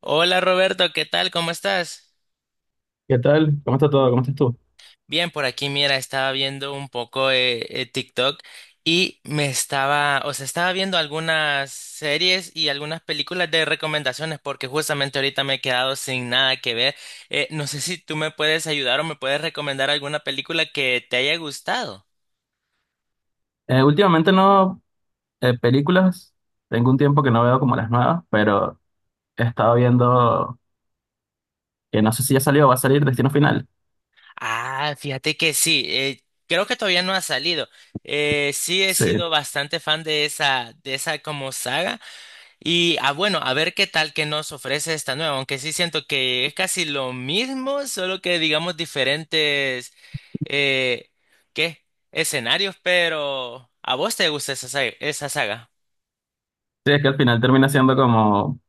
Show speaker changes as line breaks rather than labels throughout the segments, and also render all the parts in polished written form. Hola Roberto, ¿qué tal? ¿Cómo estás?
¿Qué tal? ¿Cómo está todo? ¿Cómo estás tú?
Bien, por aquí, mira, estaba viendo un poco TikTok y me estaba, o sea, estaba viendo algunas series y algunas películas de recomendaciones porque justamente ahorita me he quedado sin nada que ver. No sé si tú me puedes ayudar o me puedes recomendar alguna película que te haya gustado.
Últimamente no, películas, tengo un tiempo que no veo como las nuevas, pero he estado viendo, que no sé si ya salió o va a salir Destino Final.
Ah, fíjate que sí, creo que todavía no ha salido. Sí he
Sí,
sido bastante fan de esa como saga. Y ah, bueno, a ver qué tal que nos ofrece esta nueva, aunque sí siento que es casi lo mismo, solo que digamos diferentes eh, ¿qué? Escenarios, pero ¿a vos te gusta esa saga? ¿Esa saga?
sí, es que al final termina siendo como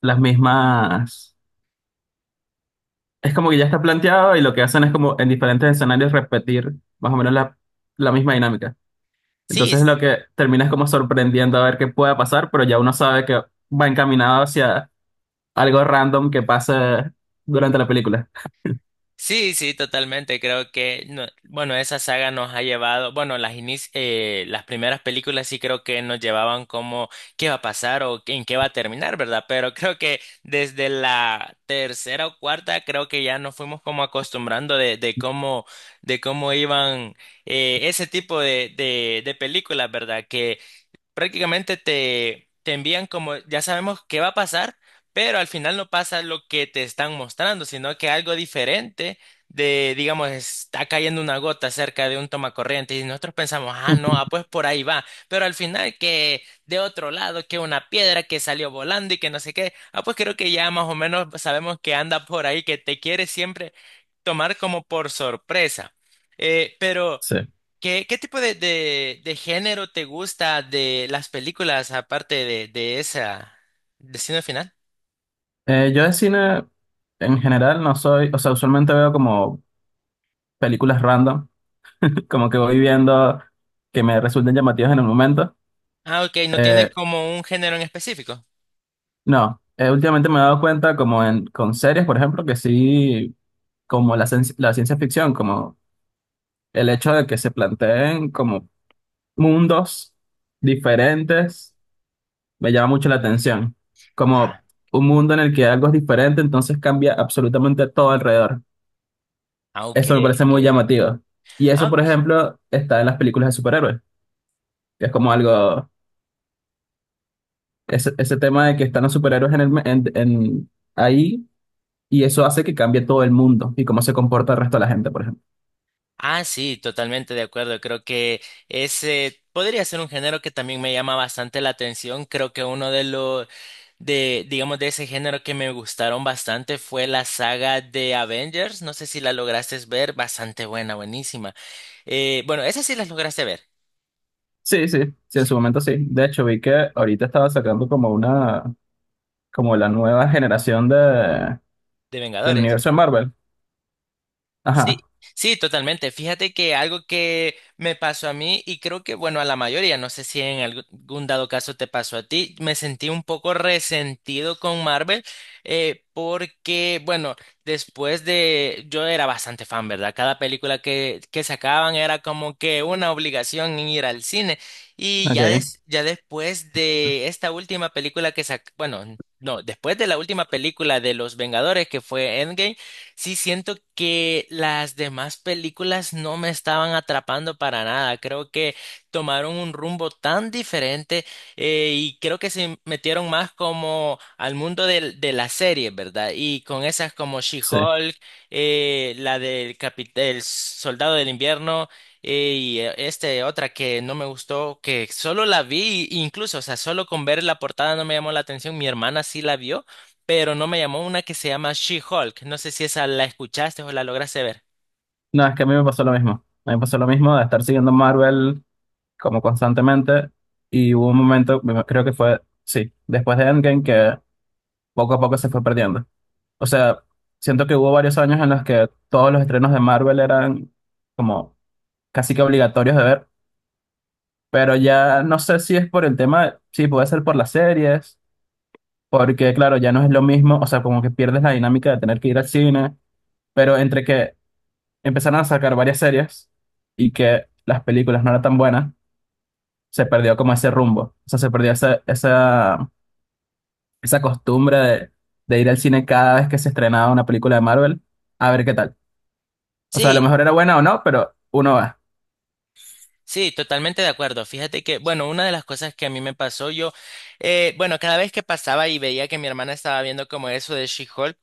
las mismas, es como que ya está planteado y lo que hacen es como en diferentes escenarios repetir más o menos la misma dinámica.
Sí,
Entonces lo que termina es como sorprendiendo a ver qué pueda pasar, pero ya uno sabe que va encaminado hacia algo random que pase durante la película.
sí, sí, totalmente. Creo que, bueno, esa saga nos ha llevado, bueno, las primeras películas sí creo que nos llevaban como qué va a pasar o en qué va a terminar, ¿verdad? Pero creo que desde la tercera o cuarta creo que ya nos fuimos como acostumbrando de cómo iban ese tipo de películas, ¿verdad? Prácticamente te envían como ya sabemos qué va a pasar, pero al final no pasa lo que te están mostrando, sino que algo diferente de, digamos, está cayendo una gota cerca de un tomacorriente y nosotros pensamos, ah, no, ah, pues por ahí va, pero al final que de otro lado, que una piedra que salió volando y que no sé qué, ah, pues creo que ya más o menos sabemos que anda por ahí, que te quiere siempre tomar como por sorpresa. Eh, pero...
Sí.
¿Qué, qué tipo de género te gusta de las películas aparte de esa Destino Final?
Yo de cine en general no soy, o sea, usualmente veo como películas random, como que voy viendo que me resulten llamativas en el momento.
Ah, ok, no tienes
Eh,
como un género en específico.
no, últimamente me he dado cuenta como en, con series, por ejemplo, que sí, como la ciencia ficción, como el hecho de que se planteen como mundos diferentes, me llama mucho la atención. Como
Ah,
un mundo en el que algo es diferente, entonces cambia absolutamente todo alrededor.
ok,
Eso me parece
ok.
muy llamativo. Y
Ah,
eso, por
ok.
ejemplo, está en las películas de superhéroes, que es como algo, ese tema de que están los superhéroes en el, me- en- ahí, y eso hace que cambie todo el mundo y cómo se comporta el resto de la gente, por ejemplo.
Ah, sí, totalmente de acuerdo. Creo que ese podría ser un género que también me llama bastante la atención. Creo que uno de los de, digamos, de ese género que me gustaron bastante fue la saga de Avengers. No sé si la lograste ver, bastante buena, buenísima. Bueno, esa sí las lograste ver.
Sí, sí, sí, en su momento sí. De hecho, vi que ahorita estaba sacando como una, como la nueva generación de,
De
del
Vengadores.
universo de Marvel. Ajá,
Sí, sí, totalmente. Fíjate que algo que me pasó a mí y creo que, bueno, a la mayoría, no sé si en algún dado caso te pasó a ti, me sentí un poco resentido con Marvel porque, bueno, después de, yo era bastante fan, ¿verdad? Cada película que sacaban era como que una obligación en ir al cine y ya,
ok,
ya después de esta última película que bueno, no, después de la última película de Los Vengadores que fue Endgame, sí, siento que las demás películas no me estaban atrapando para nada. Creo que tomaron un rumbo tan diferente y creo que se metieron más como al mundo las series, ¿verdad? Y con esas como
sí.
She-Hulk, la del el Soldado del Invierno este otra que no me gustó, que solo la vi, incluso, o sea, solo con ver la portada no me llamó la atención. Mi hermana sí la vio pero no me llamó una que se llama She-Hulk. No sé si esa la escuchaste o la lograste ver.
No, es que a mí me pasó lo mismo. A mí me pasó lo mismo de estar siguiendo Marvel como constantemente, y hubo un momento, creo que fue, sí, después de Endgame, que poco a poco se fue perdiendo. O sea, siento que hubo varios años en los que todos los estrenos de Marvel eran como casi que obligatorios de ver, pero ya no sé si es por el tema, sí, puede ser por las series, porque claro, ya no es lo mismo, o sea, como que pierdes la dinámica de tener que ir al cine, pero entre que empezaron a sacar varias series y que las películas no eran tan buenas, se perdió como ese rumbo, o sea, se perdió esa costumbre de ir al cine cada vez que se estrenaba una película de Marvel a ver qué tal. O sea, a lo
Sí,
mejor era buena o no, pero uno va.
sí, totalmente de acuerdo. Fíjate que, bueno, una de las cosas que a mí me pasó, yo, bueno, cada vez que pasaba y veía que mi hermana estaba viendo como eso de She-Hulk,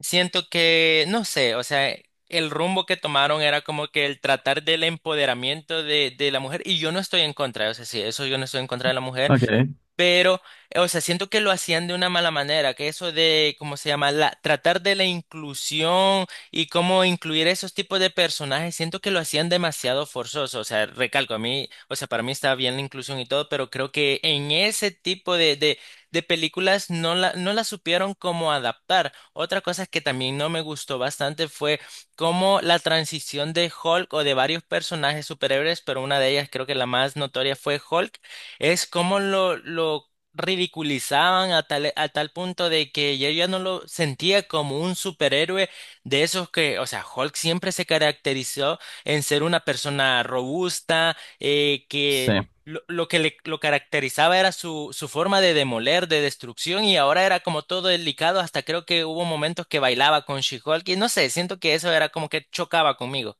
siento que, no sé, o sea, el rumbo que tomaron era como que el tratar del empoderamiento de la mujer, y yo no estoy en contra, o sea, sí, eso yo no estoy en contra de la mujer.
Ok,
Pero, o sea, siento que lo hacían de una mala manera, que eso de, ¿cómo se llama? La, tratar de la inclusión y cómo incluir esos tipos de personajes, siento que lo hacían demasiado forzoso. O sea, recalco, a mí, o sea, para mí está bien la inclusión y todo, pero creo que en ese tipo de películas no no la supieron cómo adaptar. Otra cosa que también no me gustó bastante fue cómo la transición de Hulk o de varios personajes superhéroes, pero una de ellas creo que la más notoria fue Hulk, es como lo ridiculizaban a a tal punto de que yo ya no lo sentía como un superhéroe de esos que, o sea, Hulk siempre se caracterizó en ser una persona robusta,
sí,
que lo caracterizaba era su forma de demoler, de destrucción, y ahora era como todo delicado, hasta creo que hubo momentos que bailaba con She-Hulk, y no sé, siento que eso era como que chocaba conmigo.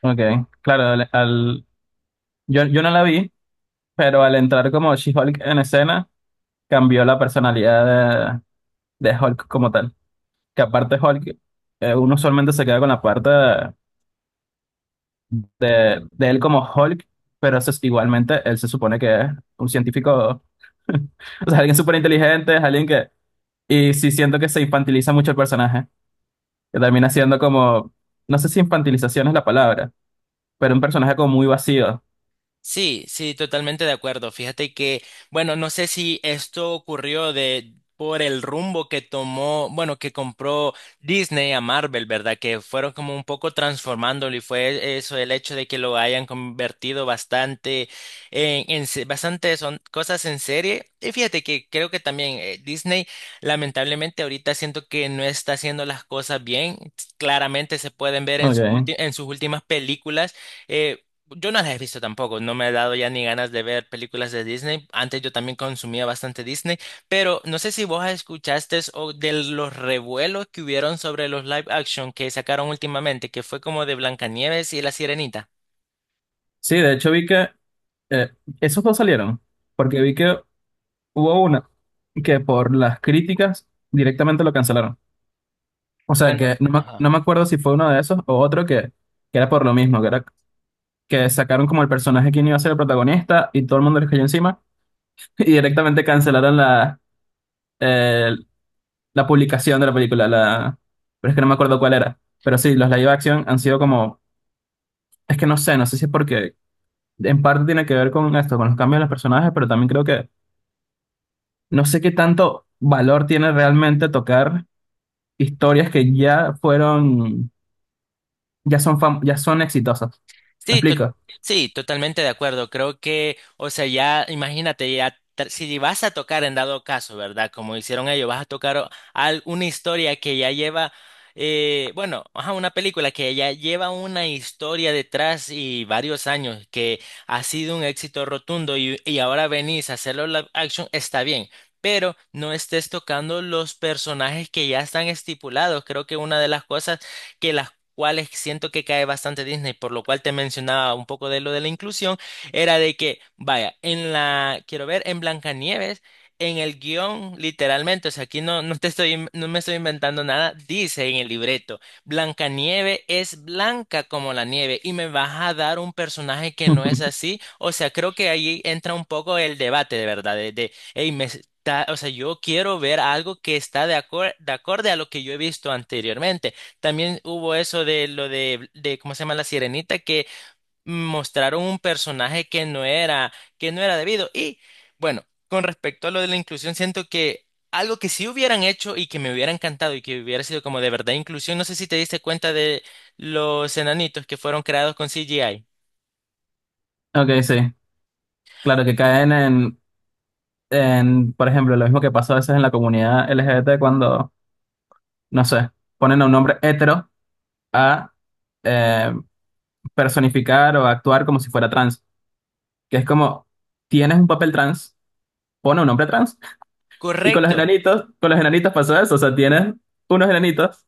ok. Claro, yo no la vi, pero al entrar como She-Hulk en escena, cambió la personalidad de Hulk como tal. Que aparte Hulk, uno usualmente se queda con la parte de él como Hulk, pero igualmente él se supone que es un científico, o sea, alguien súper inteligente, es alguien que. Y sí siento que se infantiliza mucho el personaje, que termina siendo como, no sé si infantilización es la palabra, pero un personaje como muy vacío.
Sí, sí, totalmente de acuerdo. Fíjate que, bueno, no sé si esto ocurrió de por el rumbo que tomó, bueno, que compró Disney a Marvel, ¿verdad? Que fueron como un poco transformándolo y fue eso el hecho de que lo hayan convertido bastante en, bastante son cosas en serie. Y fíjate que creo que también Disney, lamentablemente ahorita siento que no está haciendo las cosas bien. Claramente se pueden ver en
Okay.
en sus últimas películas. eh, yo no las he visto tampoco, no me ha dado ya ni ganas de ver películas de Disney. Antes yo también consumía bastante Disney, pero no sé si vos escuchaste o de los revuelos que hubieron sobre los live action que sacaron últimamente, que fue como de Blancanieves y la Sirenita.
Sí, de hecho vi que eh, esos dos salieron, porque vi que hubo una que por las críticas directamente lo cancelaron. O sea
Bueno,
que no me,
ajá.
no me acuerdo si fue uno de esos o otro que era por lo mismo, que era que sacaron como el personaje que no iba a ser el protagonista y todo el mundo le cayó encima y directamente cancelaron la, eh, la publicación de la película, la... pero es que no me acuerdo cuál era. Pero sí, los live action han sido como, es que no sé, no sé si es porque en parte tiene que ver con esto, con los cambios de los personajes, pero también creo que no sé qué tanto valor tiene realmente tocar historias que ya fueron, ya son exitosas. ¿Me
Sí, to-
explico?
sí, totalmente de acuerdo. Creo que, o sea, ya imagínate, si vas a tocar en dado caso, ¿verdad? Como hicieron ellos, vas a tocar una historia que ya lleva, bueno, ajá, una película que ya lleva una historia detrás y varios años, que ha sido un éxito rotundo y ahora venís a hacerlo live action, está bien. Pero no estés tocando los personajes que ya están estipulados. Creo que una de las cosas que las cuales siento que cae bastante Disney, por lo cual te mencionaba un poco de lo de la inclusión, era de que, vaya, en la, quiero ver, en Blancanieves, en el guión, literalmente, o sea, aquí no, no me estoy inventando nada, dice en el libreto, Blancanieves es blanca como la nieve y me vas a dar un personaje que no es así, o sea, creo que ahí entra un poco el debate, de verdad, de hey, o sea, yo quiero ver algo que está de acorde a lo que yo he visto anteriormente. También hubo eso de lo de ¿cómo se llama? La Sirenita, que mostraron un personaje que no era debido. Y bueno, con respecto a lo de la inclusión, siento que algo que sí hubieran hecho y que me hubiera encantado y que hubiera sido como de verdad inclusión, no sé si te diste cuenta de los enanitos que fueron creados con CGI.
Ok, sí. Claro que caen en, por ejemplo, lo mismo que pasa a veces en la comunidad LGBT cuando, no sé, ponen a un hombre hetero a, eh, personificar o actuar como si fuera trans, que es como, tienes un papel trans, pone un hombre trans. Y
Correcto.
con los enanitos pasó eso, o sea, tienes unos enanitos,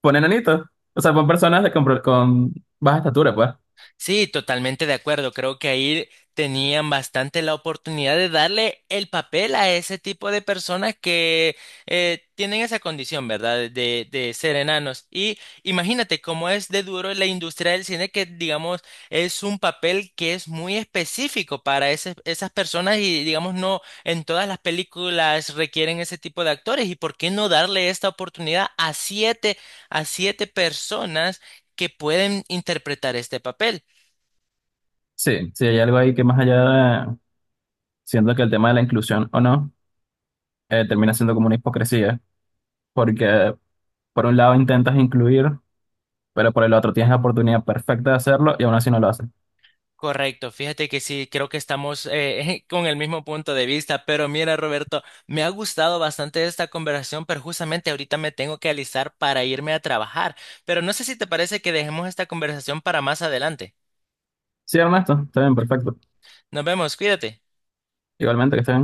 pon enanitos. O sea, pon personas con, con baja estatura, pues.
Sí, totalmente de acuerdo. Creo que ahí tenían bastante la oportunidad de darle el papel a ese tipo de personas que tienen esa condición, ¿verdad? De ser enanos. Y imagínate cómo es de duro la industria del cine, que digamos es un papel que es muy específico para esas personas y digamos no en todas las películas requieren ese tipo de actores. ¿Y por qué no darle esta oportunidad a siete personas que pueden interpretar este papel?
Sí, sí, hay algo ahí que más allá de, siento que el tema de la inclusión o no, termina siendo como una hipocresía, porque por un lado intentas incluir, pero por el otro tienes la oportunidad perfecta de hacerlo y aún así no lo haces.
Correcto, fíjate que sí, creo que estamos con el mismo punto de vista, pero mira, Roberto, me ha gustado bastante esta conversación, pero justamente ahorita me tengo que alistar para irme a trabajar, pero no sé si te parece que dejemos esta conversación para más adelante.
Sí, Ernesto, está bien, perfecto.
Nos vemos, cuídate.
Igualmente que estén.